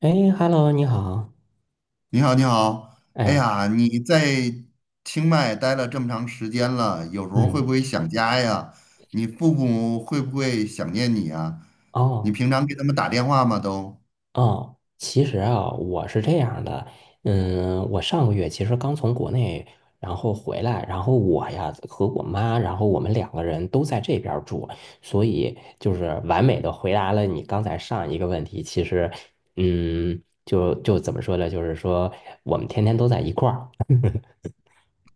哎，Hello，你好。你好，你好。哎哎，呀，你在清迈待了这么长时间了，有时候会嗯，不会想家呀？你父母会不会想念你啊？你哦，平常给他们打电话吗？都？哦，其实啊，我是这样的，我上个月其实刚从国内，然后回来，然后我呀和我妈，然后我们两个人都在这边儿住，所以就是完美的回答了你刚才上一个问题。其实，就怎么说呢？就是说我们天天都在一块儿。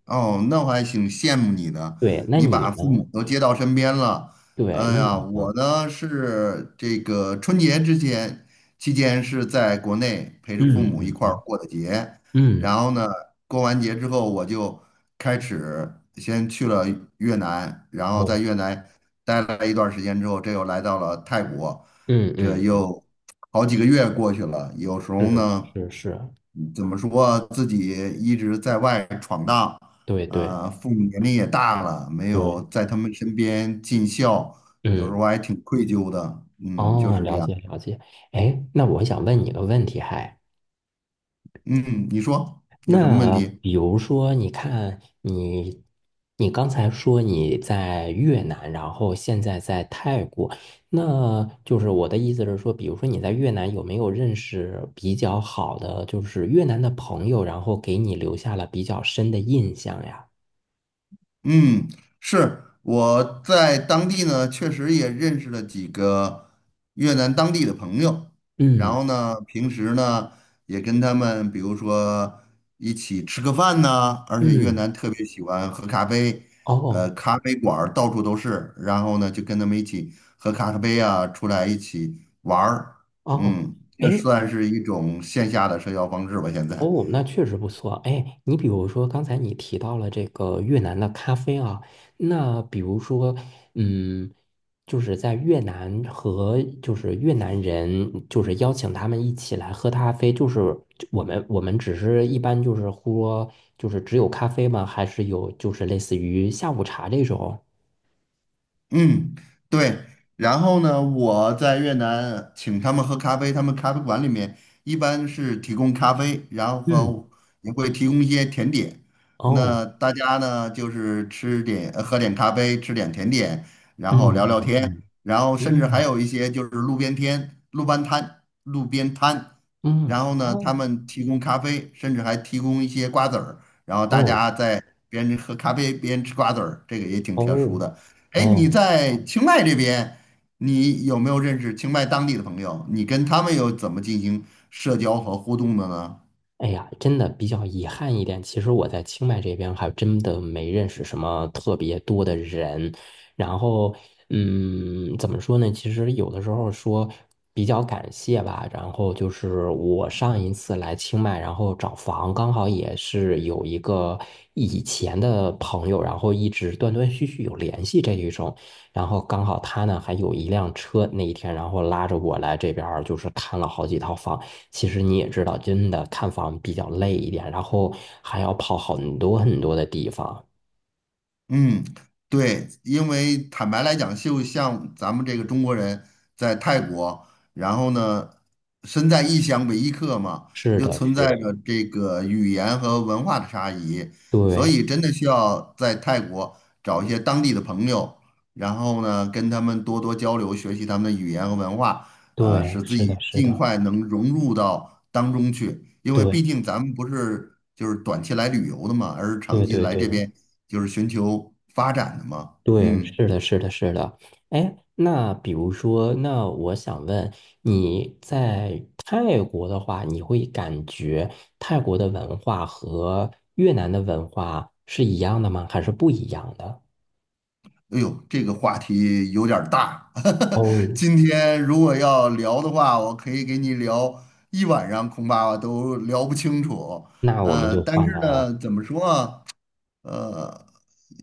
哦，那我还挺羡慕你的，对，那你你把呢？父母都接到身边了。对，哎那你呀，我呢？呢是这个春节之前期间是在国内陪着父母一嗯块儿过的节，嗯然嗯，后呢，过完节之后我就开始先去了越南，然后在哦，越南待了一段时间之后，这又来到了泰国，嗯这嗯嗯，又好几个月过去了，有时候是呢，是是，怎么说自己一直在外闯荡。对对啊，父母年龄也大了，没有对，在他们身边尽孝，有时候嗯，还挺愧疚的。嗯，就哦，是这了样。解了解。哎，那我想问你个问题，嗯，你说有什么问那题？比如说，你看你，你刚才说你在越南，然后现在在泰国，那就是我的意思是说，比如说你在越南有没有认识比较好的，就是越南的朋友，然后给你留下了比较深的印象呀？嗯，是我在当地呢，确实也认识了几个越南当地的朋友，然嗯后呢，平时呢也跟他们，比如说一起吃个饭呐，而且越嗯，南特别喜欢喝咖啡。哦咖啡馆儿到处都是，然后呢就跟他们一起喝咖啡啊，出来一起玩儿。哦。嗯，这哎，算是一种线下的社交方式吧，现在。哦，那确实不错。哎，你比如说刚才你提到了这个越南的咖啡啊，那比如说，嗯，就是在越南和就是越南人，就是邀请他们一起来喝咖啡，就是我们只是一般就是喝，就是只有咖啡吗？还是有就是类似于下午茶这种？嗯，对。然后呢，我在越南请他们喝咖啡，他们咖啡馆里面一般是提供咖啡，然后嗯，和也会提供一些甜点。哦，那大家呢，就是吃点，喝点咖啡，吃点甜点，然后嗯聊聊天，嗯然后甚至还嗯有一些就是路边天、路边摊、路边摊。嗯然嗯，后啊，呢，他们提供咖啡，甚至还提供一些瓜子儿，然后大哦家在边喝咖啡边吃瓜子儿，这个也挺特殊哦的。哎，你哦。在清迈这边，你有没有认识清迈当地的朋友？你跟他们又怎么进行社交和互动的呢？哎呀，真的比较遗憾一点。其实我在清迈这边还真的没认识什么特别多的人。然后，怎么说呢？其实有的时候说比较感谢吧。然后就是我上一次来清迈，然后找房，刚好也是有一个以前的朋友，然后一直断断续续有联系这一种。然后刚好他呢还有一辆车，那一天然后拉着我来这边儿，就是看了好几套房。其实你也知道，真的看房比较累一点，然后还要跑很多很多的地方。嗯，对，因为坦白来讲，就像咱们这个中国人在泰国，然后呢，身在异乡为异客嘛，是又的，存是的，在着这个语言和文化的差异，所对以真的需要在泰国找一些当地的朋友，然后呢，跟他们多多交流，学习他们的语言和文化，对，使自是的，己是尽的，快能融入到当中去，因为对毕竟咱们不是就是短期来旅游的嘛，而是长对期对来对这边。就是寻求发展的嘛。对，嗯，是的，是的，是的。哎，那比如说，那我想问你在泰国的话，你会感觉泰国的文化和越南的文化是一样的吗？还是不一样的？哎呦，这个话题有点儿大。哦，今天如果要聊的话，我可以给你聊一晚上，恐怕都聊不清楚。那我们就但换是成了。呢，怎么说啊？呃，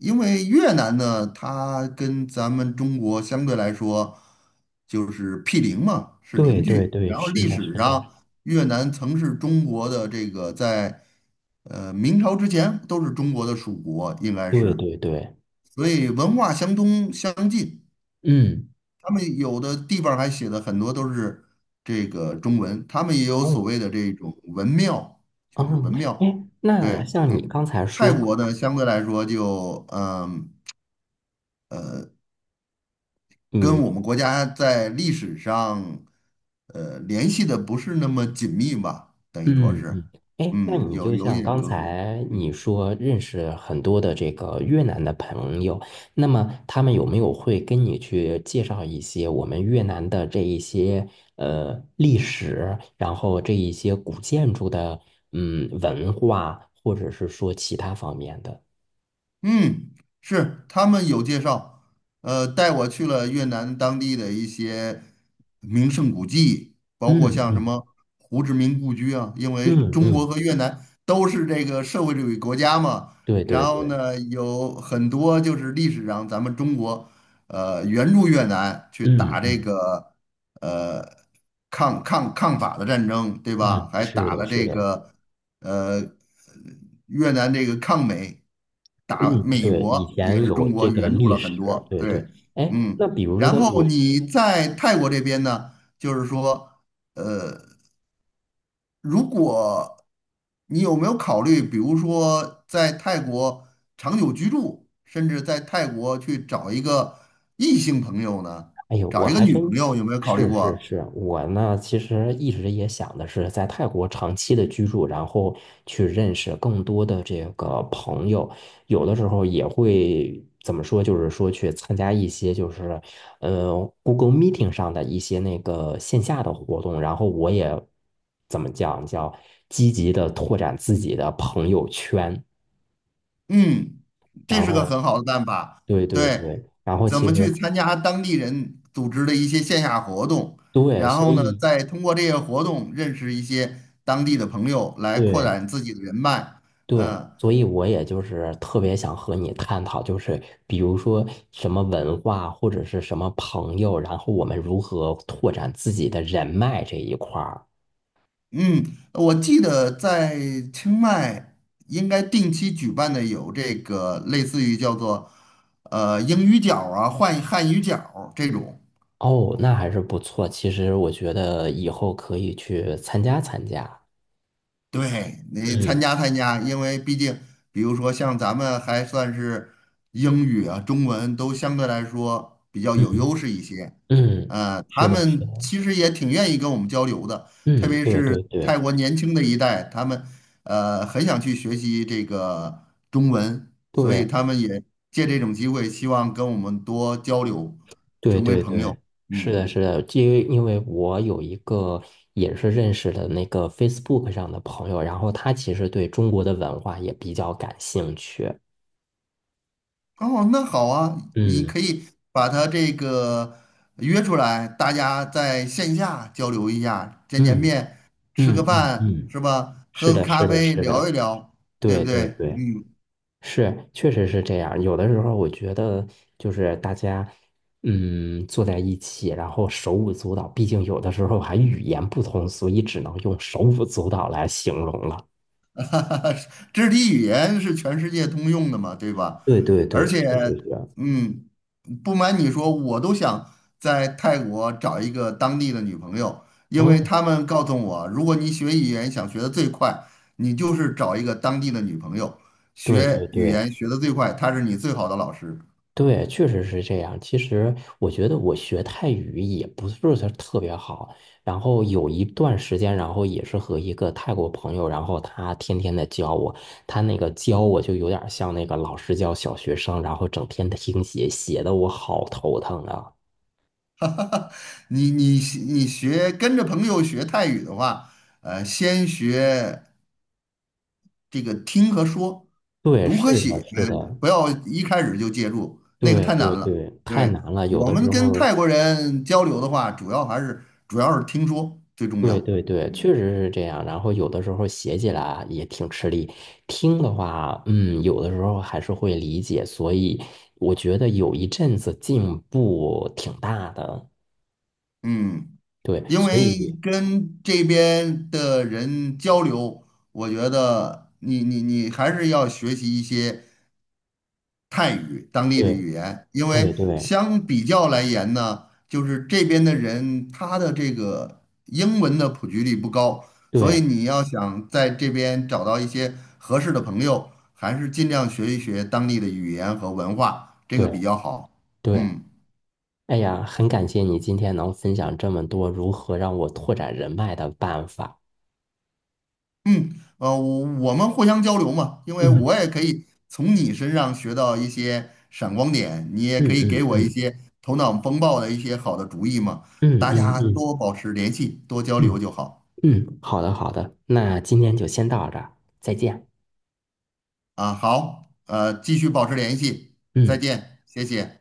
因为越南呢，它跟咱们中国相对来说就是毗邻嘛，是对邻对居。对，然后是历的，是史的。上，越南曾是中国的这个在明朝之前都是中国的属国，应该对是，对对，所以文化相通相近。嗯他们有的地方还写的很多都是这个中文，他们也有嗯所谓的这种文庙，就是嗯，文庙。哎，对，那像你嗯，刚才泰说，国呢相对来说就嗯跟我们国家在历史上联系的不是那么紧密吧，等于说嗯是，嗯，哎，那嗯，你有就有一像点刚隔阂。才嗯。你说认识很多的这个越南的朋友，那么他们有没有会跟你去介绍一些我们越南的这一些历史，然后这一些古建筑的文化，或者是说其他方面的？嗯，是他们有介绍，带我去了越南当地的一些名胜古迹，包括嗯像什嗯么胡志明故居啊，因为嗯中嗯，国和越南都是这个社会主义国家嘛，对对然后对，呢，有很多就是历史上咱们中国，援助越南去嗯打这嗯个呃抗法的战争，对吧？嗯，还是打的，了是这的。个呃，越南这个抗美打嗯，美对，国以也前是中有国这个援助历了很史，多，对对。对，哎，嗯，那比如说然的后我，你在泰国这边呢，就是说，如果你有没有考虑，比如说在泰国长久居住，甚至在泰国去找一个异性朋友呢，哎呦，找我一个还女朋真友，有没有考虑是是过？是，我呢其实一直也想的是在泰国长期的居住，然后去认识更多的这个朋友，有的时候也会怎么说，就是说去参加一些就是呃 Google Meeting 上的一些那个线下的活动，然后我也怎么讲叫积极的拓展自己的朋友圈。嗯，这然是个后很好的办法。对对对，对，然后怎其么实去参加当地人组织的一些线下活动，对，然所后呢，以再通过这些活动认识一些当地的朋友，来扩对展自己的人脉。对，嗯所以我也就是特别想和你探讨，就是比如说什么文化或者是什么朋友，然后我们如何拓展自己的人脉这一块儿。嗯，我记得在清迈应该定期举办的有这个类似于叫做英语角儿啊、汉语角儿这种。哦，那还是不错。其实我觉得以后可以去参加参加。对，你参嗯加参加，因为毕竟，比如说像咱们还算是英语啊、中文都相对来说比较有嗯优势一些，嗯，他是的，是们的。其实也挺愿意跟我们交流的，特嗯，别对对是对泰国年轻的一代，他们很想去学习这个中文，所以对。他们也借这种机会，希望跟我们多交流，对成为对朋对，友。是嗯。的，是的，因为我有一个也是认识的那个 Facebook 上的朋友，然后他其实对中国的文化也比较感兴趣。哦，那好啊，你嗯可以把他这个约出来，大家在线下交流一下，见见嗯面，吃个嗯嗯饭嗯，是吧？是喝个的，咖是的，啡，是的，聊一聊，对不对对？对对，嗯。是，确实是这样。有的时候我觉得就是大家坐在一起，然后手舞足蹈，毕竟有的时候还语言不通，所以只能用手舞足蹈来形容了。肢体语言是全世界通用的嘛，对吧？对对而对，且，确实是。嗯，不瞒你说，我都想在泰国找一个当地的女朋友，因为嗯他们告诉我，如果你学语言想学的最快，你就是找一个当地的女朋友，对对学语对言学的最快，她是你最好的老师。对，确实是这样。其实我觉得我学泰语也不是说特别好，然后有一段时间，然后也是和一个泰国朋友，然后他天天的教我，他那个教我就有点像那个老师教小学生，然后整天听写，写的我好头疼啊。你你你学跟着朋友学泰语的话，先学。这个听和说，对，读和是的，写，是的，不要一开始就介入，那个对太对难了。对，太对，难了。有我的们时跟候，泰国人交流的话，主要是听说最重要。对对对，确嗯实是这样。然后有的时候写起来也挺吃力，听的话，有的时候还是会理解。所以我觉得有一阵子进步挺大的。嗯，对，因所为以跟这边的人交流，我觉得你还是要学习一些。泰语当地的对语言，因为对对相比较来言呢，就是这边的人他的这个英文的普及率不高，所以对你要想在这边找到一些合适的朋友，还是尽量学一学当地的语言和文化，这个对比较好。对，嗯。哎呀，很感谢你今天能分享这么多如何让我拓展人脉的办法。嗯，我们互相交流嘛，因为嗯我也可以从你身上学到一些闪光点，你也可嗯以给嗯我一嗯些头脑风暴的一些好的主意嘛。嗯大嗯家嗯多保持联系，多交嗯流就好嗯，好的好的，那今天就先到这儿，再见。啊。好，继续保持联系，再嗯。见，谢谢。